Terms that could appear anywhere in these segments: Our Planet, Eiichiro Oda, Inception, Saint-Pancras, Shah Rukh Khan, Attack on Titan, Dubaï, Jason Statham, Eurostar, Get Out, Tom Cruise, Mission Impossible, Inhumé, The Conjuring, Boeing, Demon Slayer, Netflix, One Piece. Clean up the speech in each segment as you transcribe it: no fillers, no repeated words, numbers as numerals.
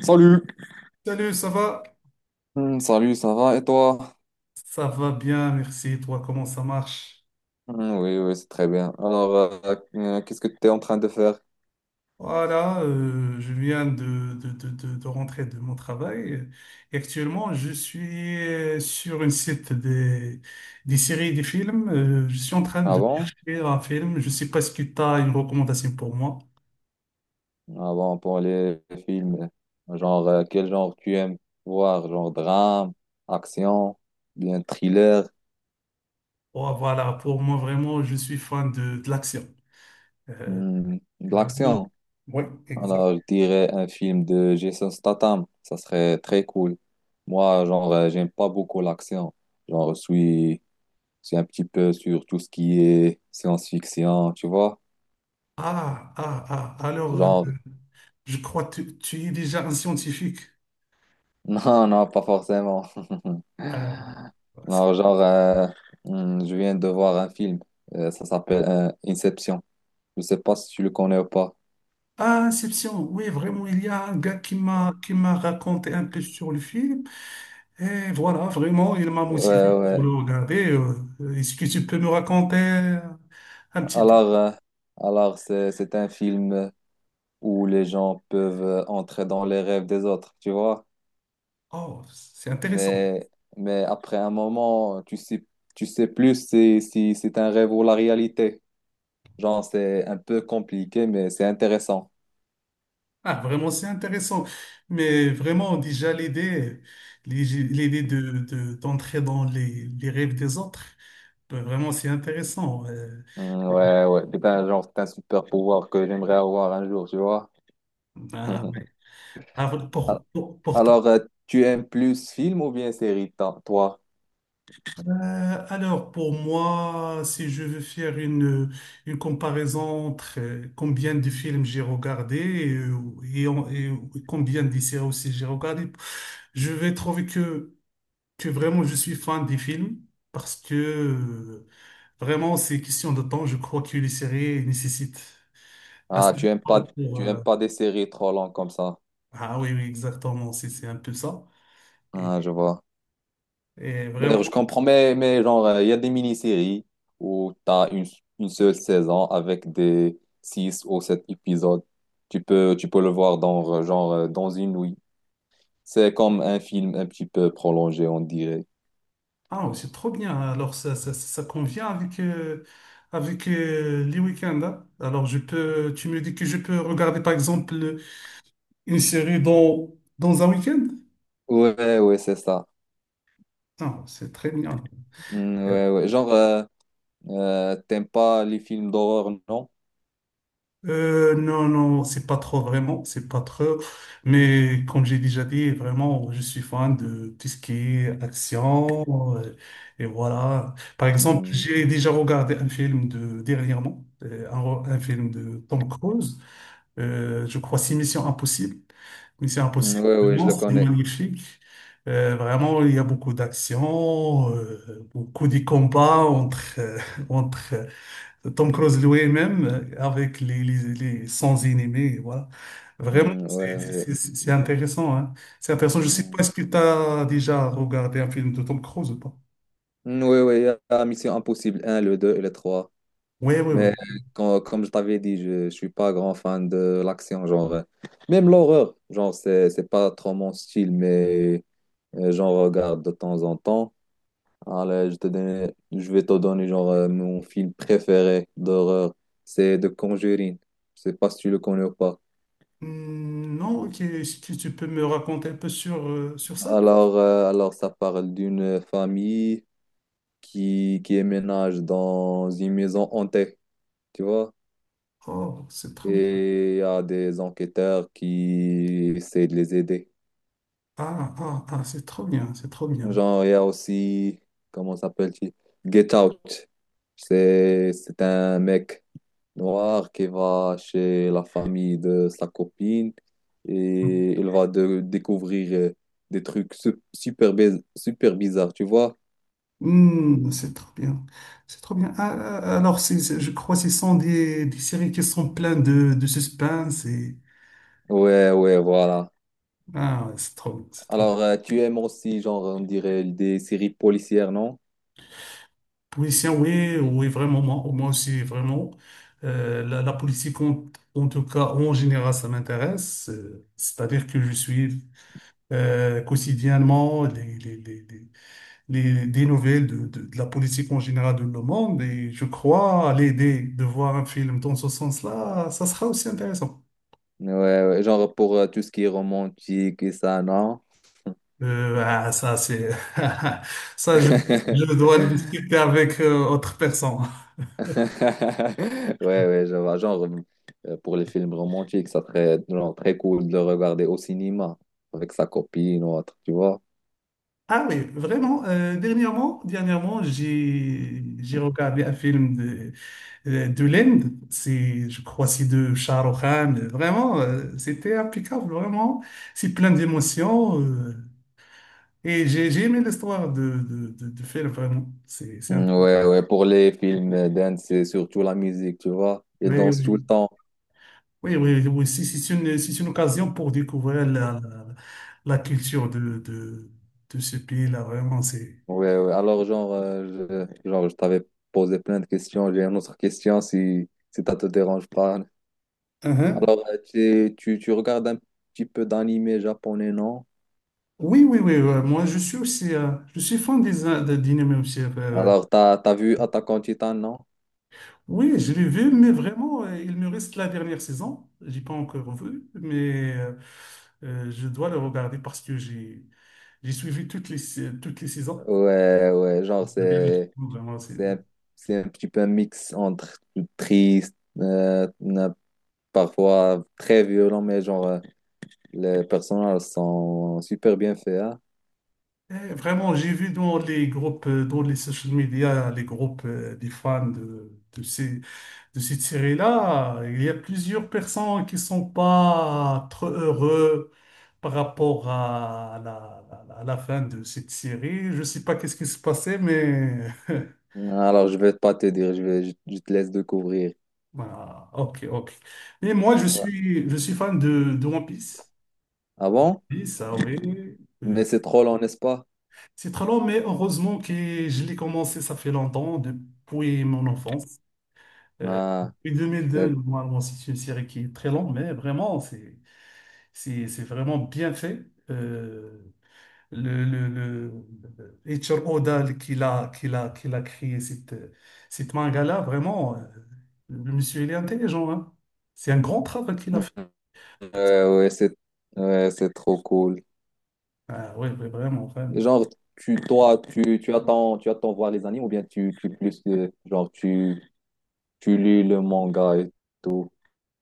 Salut. Salut, ça va? Salut, ça va et toi? Ça va bien, merci. Toi, comment ça marche? Oui, oui, c'est très bien. Alors, qu'est-ce que tu es en train de faire Voilà, je viens de rentrer de mon travail et actuellement, je suis sur une site des séries et des films. Je suis en train de avant? chercher un film. Je ne sais pas ce que tu as une recommandation pour moi. Avant pour les films, genre quel genre tu aimes voir? Genre drame, action, bien thriller. Oh, voilà, pour moi, vraiment, je suis fan de l'action. Euh, De vraiment. l'action. Oui, exact. Alors, je dirais un film de Jason Statham, ça serait très cool. Moi, genre, j'aime pas beaucoup l'action. Genre, je suis, je suis un petit peu sur tout ce qui est science-fiction, tu vois? Ah, ah, ah, alors, euh, Genre, je crois que tu es déjà un scientifique. non, non, pas forcément. Non, genre, je viens de voir un film. Ça s'appelle Inception. Je sais pas si tu le connais ou pas. Ah, Inception, oui, vraiment, il y a un gars qui m'a raconté un peu sur le film. Et voilà, vraiment, il m'a Ouais, motivé pour ouais. le regarder. Est-ce que tu peux me raconter un petit... Alors, euh, alors c'est un film où les gens peuvent entrer dans les rêves des autres, tu vois. Oh, c'est intéressant. Mais, mais après un moment, tu sais plus si c'est un rêve ou la réalité. Genre, c'est un peu compliqué, mais c'est intéressant. Ah, vraiment, c'est intéressant. Mais vraiment, déjà, l'idée, l'idée d'entrer dans les rêves des autres, ben, vraiment, c'est intéressant. Ouais, ouais. C'est un genre, c'est un super pouvoir que j'aimerais avoir un jour, tu vois. Ben, ouais. Ah, Al- pour toi. Alors, tu aimes plus film ou bien série, toi? Alors, pour moi, si je veux faire une comparaison entre combien de films j'ai regardé et et combien de séries aussi j'ai regardé, je vais trouver que vraiment je suis fan des films parce que vraiment c'est question de temps. Je crois que les séries nécessitent Ah, assez de temps pour. tu aimes pas des séries trop longues comme ça. Ah oui, oui, exactement, c'est un peu ça. Et, Ah, je vois. et vraiment, D'ailleurs, je comprends, mais genre, il y a des mini-séries où tu as une seule saison avec des 6 ou 7 épisodes. Tu peux le voir dans, dans une nuit. C'est comme un film un petit peu prolongé, on dirait. Ah, c'est trop bien. Alors, ça convient avec, les week-ends, hein. Alors, je peux, tu me dis que je peux regarder, par exemple, une série dans un week-end? Ouais, ouais, c'est ça. Non, c'est très bien. Ouais, ouais. Genre, t'aimes pas les films d'horreur, non? Non, c'est pas trop vraiment, c'est pas trop. Mais comme j'ai déjà dit, vraiment, je suis fan de tout ce qui est action. Et voilà. Par exemple, Mm, j'ai déjà regardé un film de dernièrement, un film de Tom Cruise. Je crois, c'est Mission Impossible. Mission Impossible, ouais, ouais, je vraiment, le oh, c'est connais. magnifique. Vraiment, il y a beaucoup d'action, beaucoup de combats entre, entre Tom Cruise lui-même avec sans ennemis. Voilà. Vraiment, Ouais, ouais. C'est intéressant, hein. C'est intéressant. Je ne sais pas, Mm. est-ce que tu as déjà regardé un film de Tom Cruise ou pas? Ouais, ouais, il y a Mission Impossible un le 2 et le trois. Oui, oui, oui. Mais comme je t'avais dit, je ne suis pas grand fan de l'action, genre. Même l'horreur, genre, c'est pas trop mon style, mais j'en regarde de temps en temps. Allez, je vais te donner, genre, mon film préféré d'horreur, c'est The Conjuring. Je sais pas si tu le connais ou pas. Hmm, non, ok. Est-ce tu peux me raconter un peu sur, sur ça? Alors ça parle d'une famille qui emménage dans une maison hantée, tu vois? Oh, c'est trop bien. Et il y a des enquêteurs qui essaient de les aider. Ah, ah, ah, c'est trop bien, c'est trop bien. Genre, il y a aussi, comment s'appelle-t-il? Get Out. C'est un mec noir qui va chez la famille de sa copine et il va découvrir des trucs super, super bizarres, tu vois? Hmm, c'est trop bien, c'est trop bien. Je crois que ce sont des séries qui sont pleines de suspense et... Ouais, ouais, voilà. Ah, ouais, c'est trop, c'est trop. Alors, tu aimes aussi, genre, on dirait des séries policières, non? Policier, oui, oui, vraiment, moi, moi aussi, vraiment. La politique, en tout cas, en général, ça m'intéresse. C'est-à-dire que je suis quotidiennement des nouvelles de la politique en général de le monde. Et je crois l'idée de voir un film dans ce sens-là, ça sera aussi intéressant. Ouais, ouais, genre pour tout ce qui est romantique et ça, non? Ça, c'est... Ça, je dois le discuter avec autre personne. Ouais, ouais, je vois. Genre, pour les films romantiques, ça serait genre très cool de le regarder au cinéma avec sa copine ou autre, tu vois. Ah oui, vraiment, dernièrement, j'ai regardé un film de l'Inde, c'est, je crois, c'est de Shah Rukh Khan. Vraiment, c'était impeccable, vraiment. C'est plein d'émotions. Et j'ai aimé l'histoire de faire vraiment. C'est un peu- Ouais, ouais, pour les films dance, c'est surtout la musique, tu vois. Ils Oui, dansent tout le oui, temps. oui, oui, oui. Si c'est une, si c'est une occasion pour découvrir la culture de ce pays-là, vraiment, c'est... Ouais, ouais. Alors, genre, genre, je t'avais posé plein de questions. J'ai une autre question si ça te dérange pas. uh Alors, tu regardes un petit peu d'animé japonais, non? Oui, oui, oui, ouais. Moi, je suis aussi, je suis fan des d'Inhumés aussi. Alors, t'as vu Attack on Titan, non? Oui, je l'ai vu, mais vraiment, il me reste la dernière saison. J'ai pas encore vu, mais je dois le regarder parce que j'ai suivi toutes toutes les saisons. Ouais, ouais, genre, Bien, je trouve, vraiment, c'est... c'est un, c'est un petit peu un mix entre triste, parfois très violent, mais genre, les personnages sont super bien faits, hein. Eh, vraiment, j'ai vu dans les groupes, dans les social media, les groupes des fans de cette série-là, il y a plusieurs personnes qui sont pas trop heureux par rapport à à la fin de cette série. Je sais pas qu'est-ce qui se passait, mais Alors, je vais pas te dire, je te laisse découvrir. voilà, ok, ok. Mais moi, je suis fan de One Piece. Ah bon? Oui, ça, oui. Mais Euh, c'est trop long, n'est-ce pas? C'est très long, mais heureusement que je l'ai commencé, ça fait longtemps, depuis mon enfance. Ah, Depuis 2002, c'est- normalement, c'est une série qui est très longue, mais vraiment, c'est vraiment bien fait. Euh, le Eiichiro Oda qui l'a, qui l'a créé, cette manga-là, vraiment, le monsieur, il est intelligent, hein. C'est un grand travail qu'il a fait. ouais, ouais, ouais, c'est trop cool. Ah, oui, vraiment, vraiment. Genre, toi, tu attends voir les animes ou bien tu plus, genre, tu tu lis le manga et tout.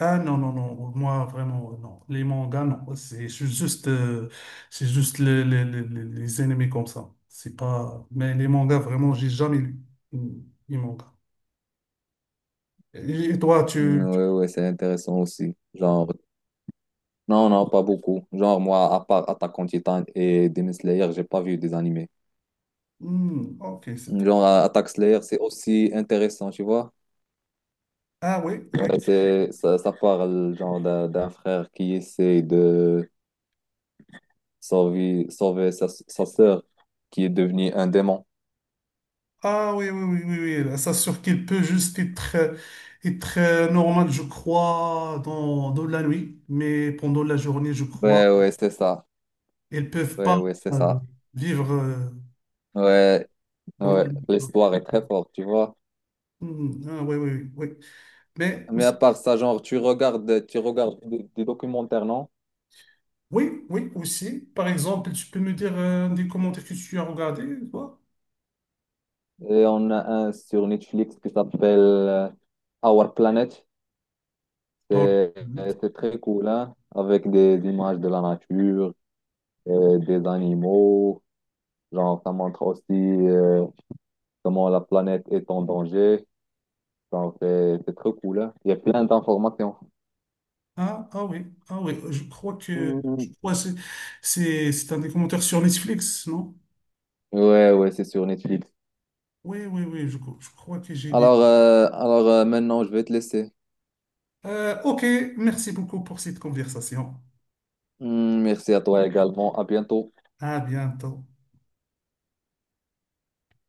Ah non, non, non, moi vraiment, non. Les mangas, non. C'est juste, c'est juste les animés comme ça. C'est pas... Mais les mangas, vraiment, j'ai jamais lu mm, les mangas. Et toi, tu... tu- Ouais, ouais, c'est intéressant aussi. Genre, non, non, pas beaucoup. Genre, moi, à part Attack on Titan et Demon Slayer, j'ai pas vu des animés. Hmm, ok, c'est... tout. Genre, Attack Slayer, c'est aussi intéressant, tu vois. Ah oui, oui. Ouais, c'est, ça parle, genre, d'un frère qui essaie de sauver, sauver sa sœur qui est devenue un démon. Ah oui, oui, oui, oui, oui. Ça sûr qu'il peut juste être, normal, je crois, dans la nuit. Mais pendant la journée, je Ouais, crois, ouais, c'est ça. ils peuvent pas Ouais, ouais, c'est euh, ça. vivre Ouais, dans la ouais, nuit. l'histoire est très forte, tu vois. Hmm, ah oui, oui, oui. Mais Mais à aussi, part ça, genre, tu regardes des documentaires, non? oui, oui, aussi. Par exemple, tu peux me dire des commentaires que tu as regardés, toi? Et on a un sur Netflix qui s'appelle Our Planet. Par- C'est très cool, hein? Avec des images de la nature, des animaux. Genre, ça montre aussi comment la planète est en danger. Genre, c'est très cool, hein? Il y a plein d'informations. Ah, ah oui, ah oui, je Mhm. crois que c'est un des commentaires sur Netflix, non? Ouais, ouais, c'est sur Netflix. Oui, oui, oui, je crois que j'ai des. Alors, maintenant, je vais te laisser. Ok, merci beaucoup pour cette conversation. Merci à toi également. À bientôt. À bientôt.